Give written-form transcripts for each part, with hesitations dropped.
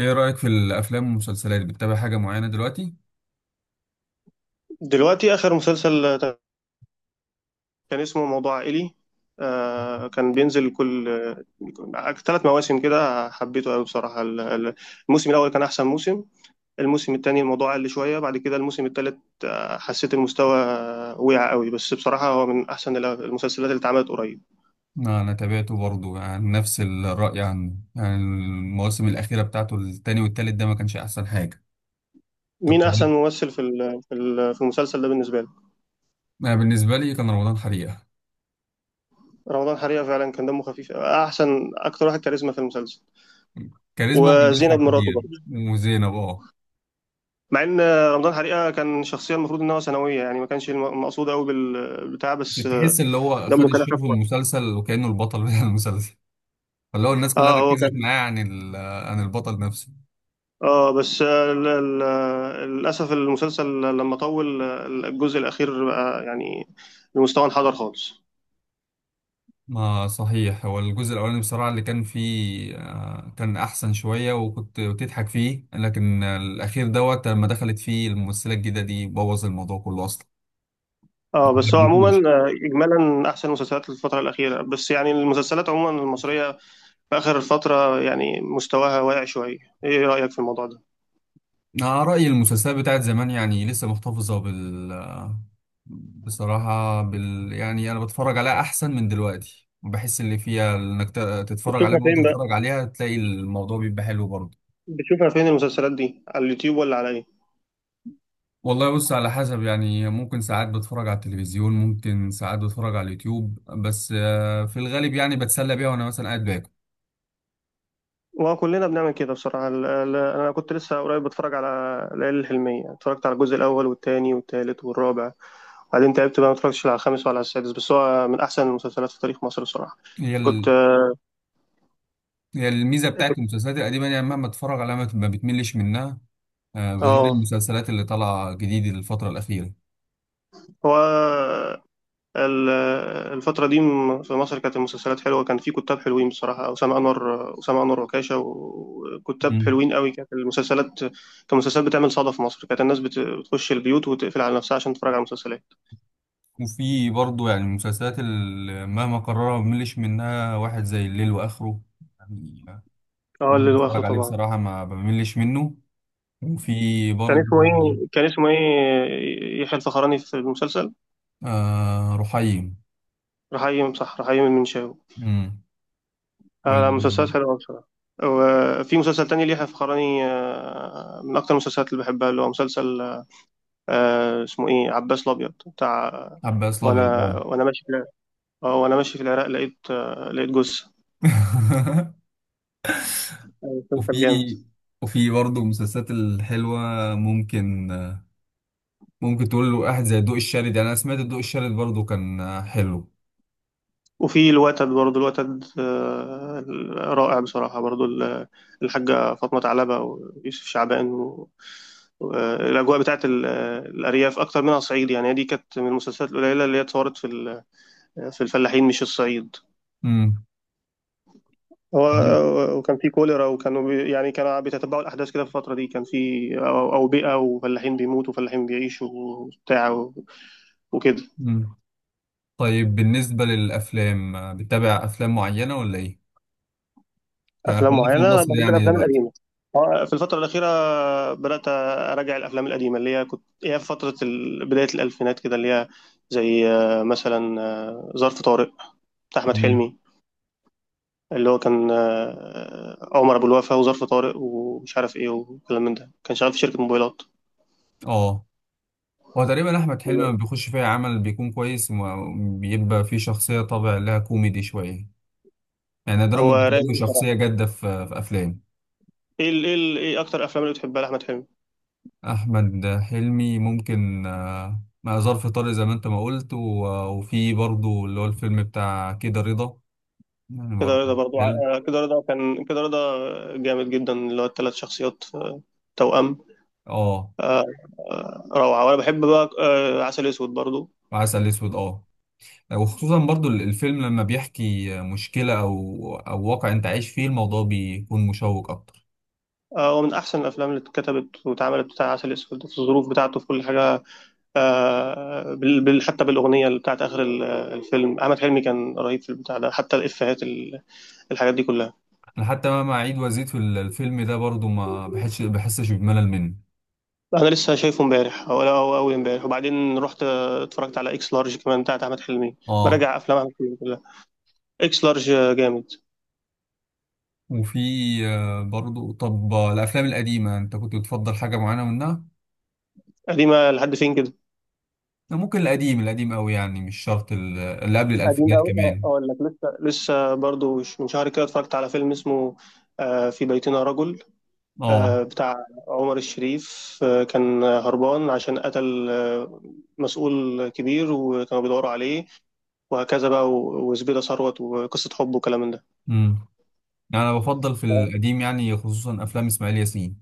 ايه رأيك في الافلام والمسلسلات؟ بتتابع حاجة معينة دلوقتي؟ دلوقتي آخر مسلسل كان اسمه موضوع عائلي. كان بينزل كل ثلاث مواسم كده، حبيته قوي بصراحة. الموسم الأول كان أحسن موسم. الموسم التاني الموضوع قل شوية، بعد كده الموسم التالت حسيت المستوى وقع قوي. بس بصراحة هو من أحسن المسلسلات اللي اتعملت قريب. انا تابعته برضو، يعني نفس الرأي عنه. يعني المواسم الأخيرة بتاعته، التاني والتالت، ده ما كانش احسن حاجة. طب مين أحسن تمام. ممثل في المسلسل ده بالنسبة لك؟ انا بالنسبة لي كان رمضان حريقة. رمضان حريقة فعلا كان دمه خفيف، أحسن أكتر واحد كاريزما في المسلسل. كاريزما وزينب وبيضحك مراته، كتير وزينب. اه، مع ان رمضان حريقه كان شخصيه المفروض ان هو ثانويه، يعني ما كانش مقصود قوي بالبتاع، بس بس تحس اللي هو خد دمه كان الشيف في خفيف. المسلسل وكأنه البطل بتاع المسلسل. فاللي هو الناس كلها اه هو ركزت كان. معاه عن البطل نفسه. اه بس للاسف المسلسل لما طول الجزء الاخير بقى يعني المستوى انحدر خالص. ما صحيح، هو الجزء الأولاني بصراحة اللي كان فيه كان أحسن شوية وكنت بتضحك فيه، لكن الأخير دوت لما دخلت فيه الممثلة الجديدة دي بوظ الموضوع كله أصلا، ما اه بس هو عموما حبيتهوش. اجمالا احسن مسلسلات الفتره الاخيره، بس يعني المسلسلات عموما المصريه في اخر الفتره يعني مستواها واقع شويه. ايه رايك في الموضوع ده؟ أنا رأيي المسلسلات بتاعت زمان يعني لسه محتفظة بال بصراحة بال، يعني أنا بتفرج عليها أحسن من دلوقتي، وبحس اللي فيها إنك تتفرج عليها، بتشوفها وأنت فين بقى؟ تتفرج عليها تلاقي الموضوع بيبقى حلو برضه. بتشوفها فين المسلسلات دي، على اليوتيوب ولا على ايه؟ والله بص، على حسب، يعني ممكن ساعات بتفرج على التلفزيون، ممكن ساعات بتفرج على اليوتيوب. بس في الغالب يعني بتسلى بيها وانا مثلا قاعد باكل. وكلنا بنعمل كده بصراحة. أنا كنت لسه قريب بتفرج على العيال الحلمية، اتفرجت على الجزء الأول والتاني والتالت والرابع، وبعدين تعبت بقى، ما اتفرجتش على الخامس ولا على السادس، بس هو من أحسن المسلسلات في تاريخ مصر بصراحة. هي كنت ال... هي الميزه بتاعت المسلسلات القديمه، يعني مهما اتفرج عليها ما بتملش منها. بغير اه المسلسلات اللي طالعه جديد الفتره الاخيره. هو ال- الفترة دي في مصر كانت المسلسلات حلوة، كان في كتاب حلوين بصراحة، أسامة أنور وكاشة وكتاب مم. حلوين قوي، كانت المسلسلات المسلسلات بتعمل صدى في مصر، كانت الناس بتخش البيوت وتقفل على نفسها عشان تتفرج على المسلسلات. وفي برضه يعني المسلسلات اللي مهما قررها ما بملش منها، واحد زي الليل واخره يعني. اه اللي ممكن هو آخره اتفرج عليه طبعا. بصراحه ما بملش منه. وفي برضه. كان اسمه ايه يحيى الفخراني في المسلسل؟ آه، رحيم. رحيم، صح، رحيم المنشاوي. امم. آه مسلسلات والعباس حلوه بصراحه. وفي مسلسل تاني ليحيى الفخراني، من اكتر المسلسلات اللي بحبها، اللي هو مسلسل اسمه ايه، عباس الابيض بتاع. الابيض، وانا اه. وانا ماشي في العراق، وانا ماشي في العراق لقيت لقيت جثه. مسلسل وفي جامد. وفي برضه المسلسلات الحلوه، ممكن ممكن تقول له واحد زي الضوء الشارد. يعني انا سمعت الضوء الشارد برضه كان حلو. وفي الوتد برضو، الوتد رائع بصراحة. برضو الحاجة فاطمة ثعلبة ويوسف شعبان، الأجواء بتاعت الأرياف أكتر منها صعيد، يعني دي كانت من المسلسلات القليلة اللي هي اتصورت في الفلاحين مش الصعيد. امم. هو وكان في كوليرا، وكانوا يعني كانوا بيتتبعوا الأحداث كده في الفترة دي، كان في أوبئة وفلاحين بيموتوا وفلاحين بيعيشوا وبتاع وكده. امم. طيب، بالنسبه للافلام بتتابع افلام معينه ولا ايه؟ افلام خلينا في معينه، انا المصري بحب يعني الافلام دلوقتي. القديمه. في الفتره الاخيره بدات اراجع الافلام القديمه اللي هي كنت هي في فتره بدايه الالفينات كده، اللي هي زي مثلا ظرف طارق بتاع احمد امم. حلمي، اللي هو كان عمر ابو الوفا وظرف طارق ومش عارف ايه وكلام من ده، كان شغال في شركه موبايلات. اه، هو تقريبا احمد حلمي لما بيخش فيها عمل بيكون كويس وبيبقى فيه شخصيه طابع لها كوميدي شويه. يعني نادرا ما هو رايق بتلاقي له بصراحه. شخصيه جاده في افلام. ايه اكتر افلام اللي بتحبها لاحمد حلمي؟ أحمد حلمي ممكن مع ظرف طارق زي ما أنت ما قلت. وفي برضو اللي هو الفيلم بتاع كده رضا، يعني كده برضو. رضا برضو حلم. كده رضا جامد جدا، اللي هو الثلاث شخصيات، توأم. آه. آه، روعة. وأنا بحب بقى عسل أسود برضو. وعسل أسود، آه. وخصوصا برضو الفيلم لما بيحكي مشكلة أو واقع أنت عايش فيه، الموضوع بيكون مشوق أكتر. هو من أحسن الأفلام اللي اتكتبت واتعملت بتاع عسل أسود، في الظروف بتاعته في كل حاجة. حتى بالأغنية اللي بتاعت آخر الفيلم، أحمد حلمي كان رهيب في البتاع ده، حتى الإفيهات الحاجات دي كلها. أنا حتى مهما أعيد وأزيد في الفيلم ده برضو ما بحسش بملل منه. أنا لسه شايفه امبارح أو أو أول امبارح، وبعدين رحت اتفرجت على إكس لارج كمان بتاعت أحمد حلمي. آه. براجع أفلام أحمد حلمي كلها. إكس لارج جامد. وفي. برضو، طب الأفلام القديمة أنت كنت بتفضل حاجة معينة منها؟ قديمة لحد فين كده؟ ممكن القديم القديم قوي، يعني مش شرط اللي قبل قديم الألفينات قوي، أه كمان. اقول لك، لسه برضو من شهر كده اتفرجت على فيلم اسمه في بيتنا رجل، اه. بتاع عمر الشريف. كان هربان عشان قتل مسؤول كبير، وكانوا بيدوروا عليه، وهكذا بقى، وزبيدة ثروت وقصة حب وكلام من ده. امم. يعني أنا بفضل في آه. القديم، يعني خصوصا أفلام إسماعيل ياسين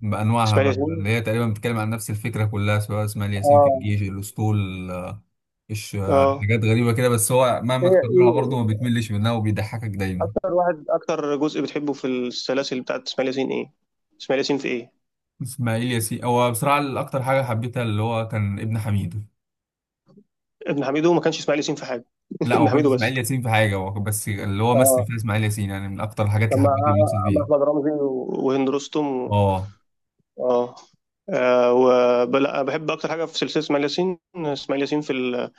بأنواعها اسماعيل بقى. ياسين. اللي هي تقريبا بتتكلم عن نفس الفكرة كلها، سواء إسماعيل ياسين في اه الجيش، الأسطول، آه، إيش آه، اه حاجات غريبة كده، بس هو مهما ايه تكررها برضه ما ايه بتملش منها وبيضحكك دايما. اكتر واحد، اكتر جزء بتحبه في السلاسل بتاعت اسماعيل ياسين ايه؟ اسماعيل ياسين في ايه؟ إسماعيل ياسين، هو بصراحة الأكتر حاجة حبيتها اللي هو كان ابن حميدو. ابن حميدو ما كانش اسماعيل ياسين في حاجة. لا هو ابن ما كانش حميدو بس. إسماعيل ياسين في حاجة، هو بس اللي هو مثل اه فيها إسماعيل ياسين، يعني من أكتر الحاجات اللي كان مع حبيته ومثل مع فيها. احمد رمزي وهند رستم و... اه. اه. لا بحب اكتر حاجه في سلسله اسماعيل ياسين، اسماعيل ياسين في ال...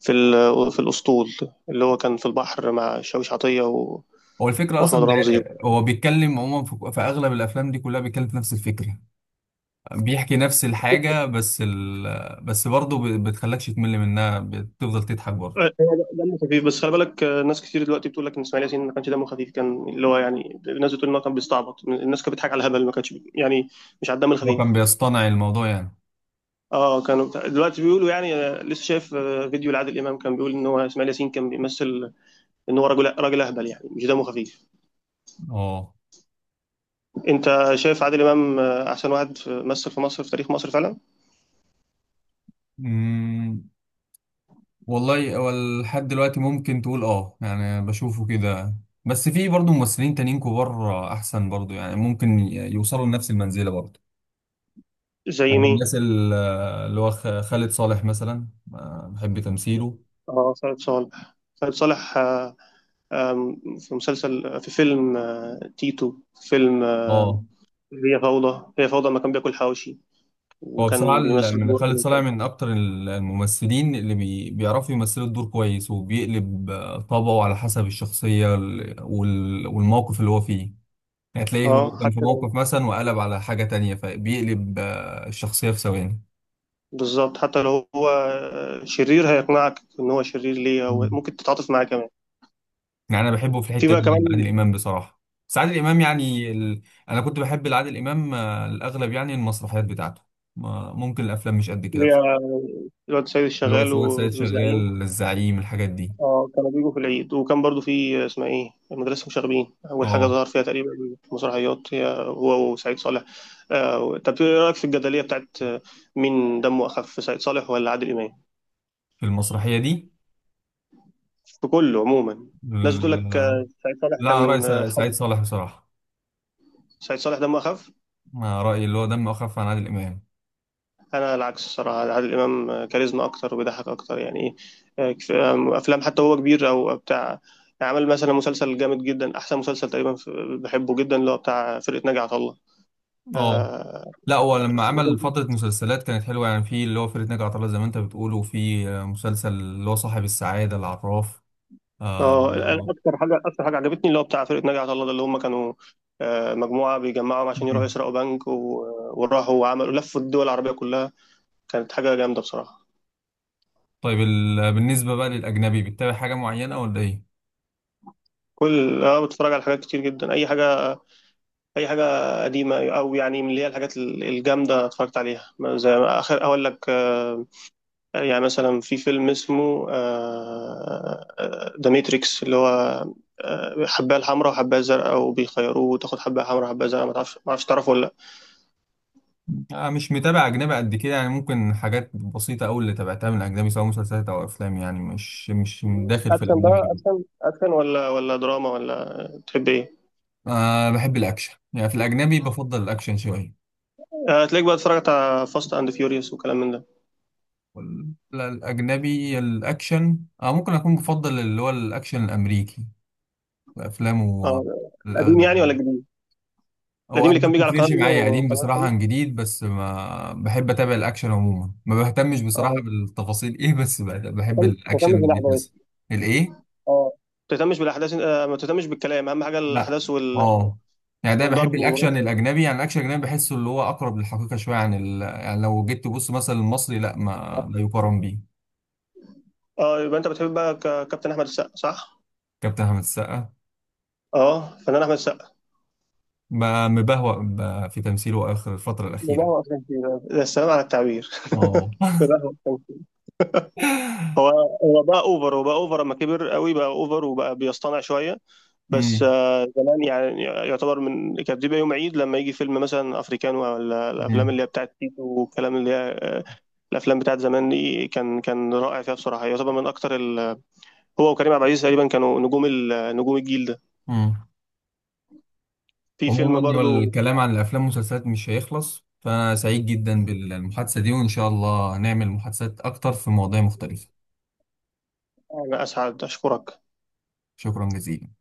في ال... في الاسطول، اللي هو كان في البحر مع شاويش عطيه و... هو الفكرة واحمد أصلا، ده رمزي. هو بيتكلم عموما في أغلب الأفلام دي كلها بيتكلم في نفس الفكرة. بيحكي نفس الحاجة، بس برضه بتخلكش تمل منها، بتفضل تضحك برضه. هو دمه خفيف، بس خلي بالك ناس كتير دلوقتي بتقول لك ان اسماعيل ياسين ما كانش دمه خفيف، كان اللي هو يعني الناس بتقول ان هو كان بيستعبط، الناس كانت بتضحك على الهبل، ما كانش يعني مش على الدم هو كان الخفيف. بيصطنع الموضوع يعني. اه، كانوا دلوقتي بيقولوا يعني لسه شايف فيديو لعادل امام، كان بيقول ان هو اسماعيل ياسين كان بيمثل ان هو راجل اهبل يعني مش دمه خفيف. اه. انت شايف عادل امام احسن واحد مثل في مصر، في تاريخ مصر فعلا؟ أمم، والله، هو لحد دلوقتي ممكن تقول اه، يعني بشوفه كده. بس في برضه ممثلين تانيين كبار أحسن برضه، يعني ممكن يوصلوا لنفس المنزلة برضه. زي يعني مين؟ اللي هو خالد صالح مثلا. بحب تمثيله. اه خالد صالح. خالد صالح آه، آم، في مسلسل، في فيلم تيتو، في فيلم اه. هي فوضى، ما كان بياكل حواوشي، هو بصراحة وكان بيمثل من دور خالد امين صالح صالح. من أكتر الممثلين اللي بيعرفوا يمثلوا الدور كويس وبيقلب طبعه على حسب الشخصية والموقف اللي هو فيه. يعني تلاقيه هو اه كان في حتى لو، موقف مثلا وقلب على حاجة تانية فبيقلب الشخصية في ثواني. بالظبط حتى لو هو شرير هيقنعك ان هو شرير ليه، او مم. ممكن تتعاطف معاه كمان. يعني أنا بحبه في في الحتة بقى دي، يعني عادل كمان إمام بصراحة. بس عادل إمام يعني أنا كنت بحب عادل إمام الأغلب، يعني المسرحيات بتاعته. ممكن الأفلام مش قد كده اللي هي بصراحة، الواد سيد اللي هو الشغال سواء سيد والزعيم. شغال، الزعيم، الحاجات دي. اه كانوا بيجوا في العيد، وكان برضو في اسمها ايه مدرسة مشاغبين، أول حاجة أه. ظهر فيها تقريبا، مسرحيات هي هو وسعيد صالح. آه طب ايه رأيك في الجدلية بتاعت مين دمه أخف، سعيد صالح ولا عادل إمام؟ في المسرحية دي. في كله عموما. الناس بتقول لك ال- سعيد صالح لا أنا رأيي كان سعيد حب، صالح بصراحة. سعيد صالح دمه أخف. أنا رأيي اللي هو دمه أخف عن عادل إمام. أنا العكس الصراحة، عادل إمام كاريزما أكتر وبيضحك أكتر يعني. إيه أفلام حتى هو كبير أو بتاع، عمل مثلا مسلسل جامد جدا، أحسن مسلسل تقريبا بحبه جدا، اللي هو بتاع فرقة ناجي عطا الله. أه. آه، لا هو لما عمل فترة مسلسلات كانت حلوة، يعني في اللي هو فرقة ناجي عطا الله زي ما أنت بتقول، وفي مسلسل اللي هو صاحب السعادة العراف. اه آه. اكتر حاجه عجبتني اللي هو بتاع فرقه ناجي عطا الله ده، اللي هم كانوا مجموعه بيجمعهم عشان يروحوا مم. يسرقوا بنك وراحوا وعملوا، لفوا الدول العربيه كلها. كانت حاجه جامده بصراحه. طيب، بالنسبة بقى للأجنبي، بتتابع حاجة معينة ولا إيه؟ كل اه، بتفرج على حاجات كتير جدا، اي حاجه، قديمه او يعني من اللي هي الحاجات الجامده اتفرجت عليها، زي ما اخر اقول لك يعني مثلا في فيلم اسمه ذا ماتريكس اللي هو حبايه الحمراء وحبايه الزرقاء وبيخيروه، وتاخد حبايه حمراء وحبايه زرقاء، ما تعرفش، ما اعرفش تعرفه ولا؟ آه، مش متابع أجنبي قد كده، يعني ممكن حاجات بسيطة أوي اللي تابعتها من الأجنبي، سواء مسلسلات أو أفلام، يعني مش داخل في اكشن بقى، الأجنبي أوي. اكشن ولا دراما ولا تحب ايه؟ آه، بحب الأكشن، يعني في الأجنبي بفضل الأكشن شوية. هتلاقيك بقى اتفرجت على فاست اند فيوريوس وكلام من ده. لا، الأجنبي الأكشن، أو ممكن أكون بفضل اللي هو الأكشن الأمريكي، أفلامه اه. القديم الأغلب يعني ولا يعني. الجديد؟ هو القديم أنا اللي ما كان بيجي على قناه بتفرقش ايه معايا قديم وقناه بصراحة عن ثانيه. جديد، بس ما بحب أتابع الأكشن عموما، ما بهتمش بصراحة اه. بالتفاصيل إيه، بس بحب الأكشن تهتمش اللي بالاحداث. بيتمثل. الإيه؟ اه، ما تهتمش بالاحداث ما تهتمش بالكلام، اهم حاجه لا، الاحداث آه، يعني ده بحب والضرب و... الأكشن الأجنبي، يعني الأكشن الأجنبي بحسه اللي هو أقرب للحقيقة شوية يعني لو جيت تبص مثلا المصري، لا ما لا يقارن بيه. اه يبقى انت بتحب بقى كابتن احمد السقا صح. كابتن أحمد السقا، اه فنان احمد السقا. بقى مبهوأ بقى في تمثيله آخر الفترة ده الأخيرة. هو اصلا كده، ده السلام على التعبير اه. ده هو أصلاً كده. هو هو بقى اوفر، لما كبر قوي بقى اوفر وبقى بيصطنع شويه. بس مم. زمان يعني يعتبر من، كانت بتبقى يوم عيد لما يجي فيلم مثلا افريكانو، ولا الافلام مم. اللي هي بتاعت تيتو والكلام اللي هي الافلام بتاعت زمان دي، كان رائع فيها بصراحه، يعتبر من اكتر هو وكريم عبد العزيز تقريبا كانوا نجوم نجوم الجيل ده. مم. في عموما فيلم برضو الكلام عن الأفلام والمسلسلات مش هيخلص، فأنا سعيد جدا بالمحادثة دي وإن شاء الله نعمل محادثات أكتر في مواضيع مختلفة. انا اسعد اشكرك. شكرا جزيلا.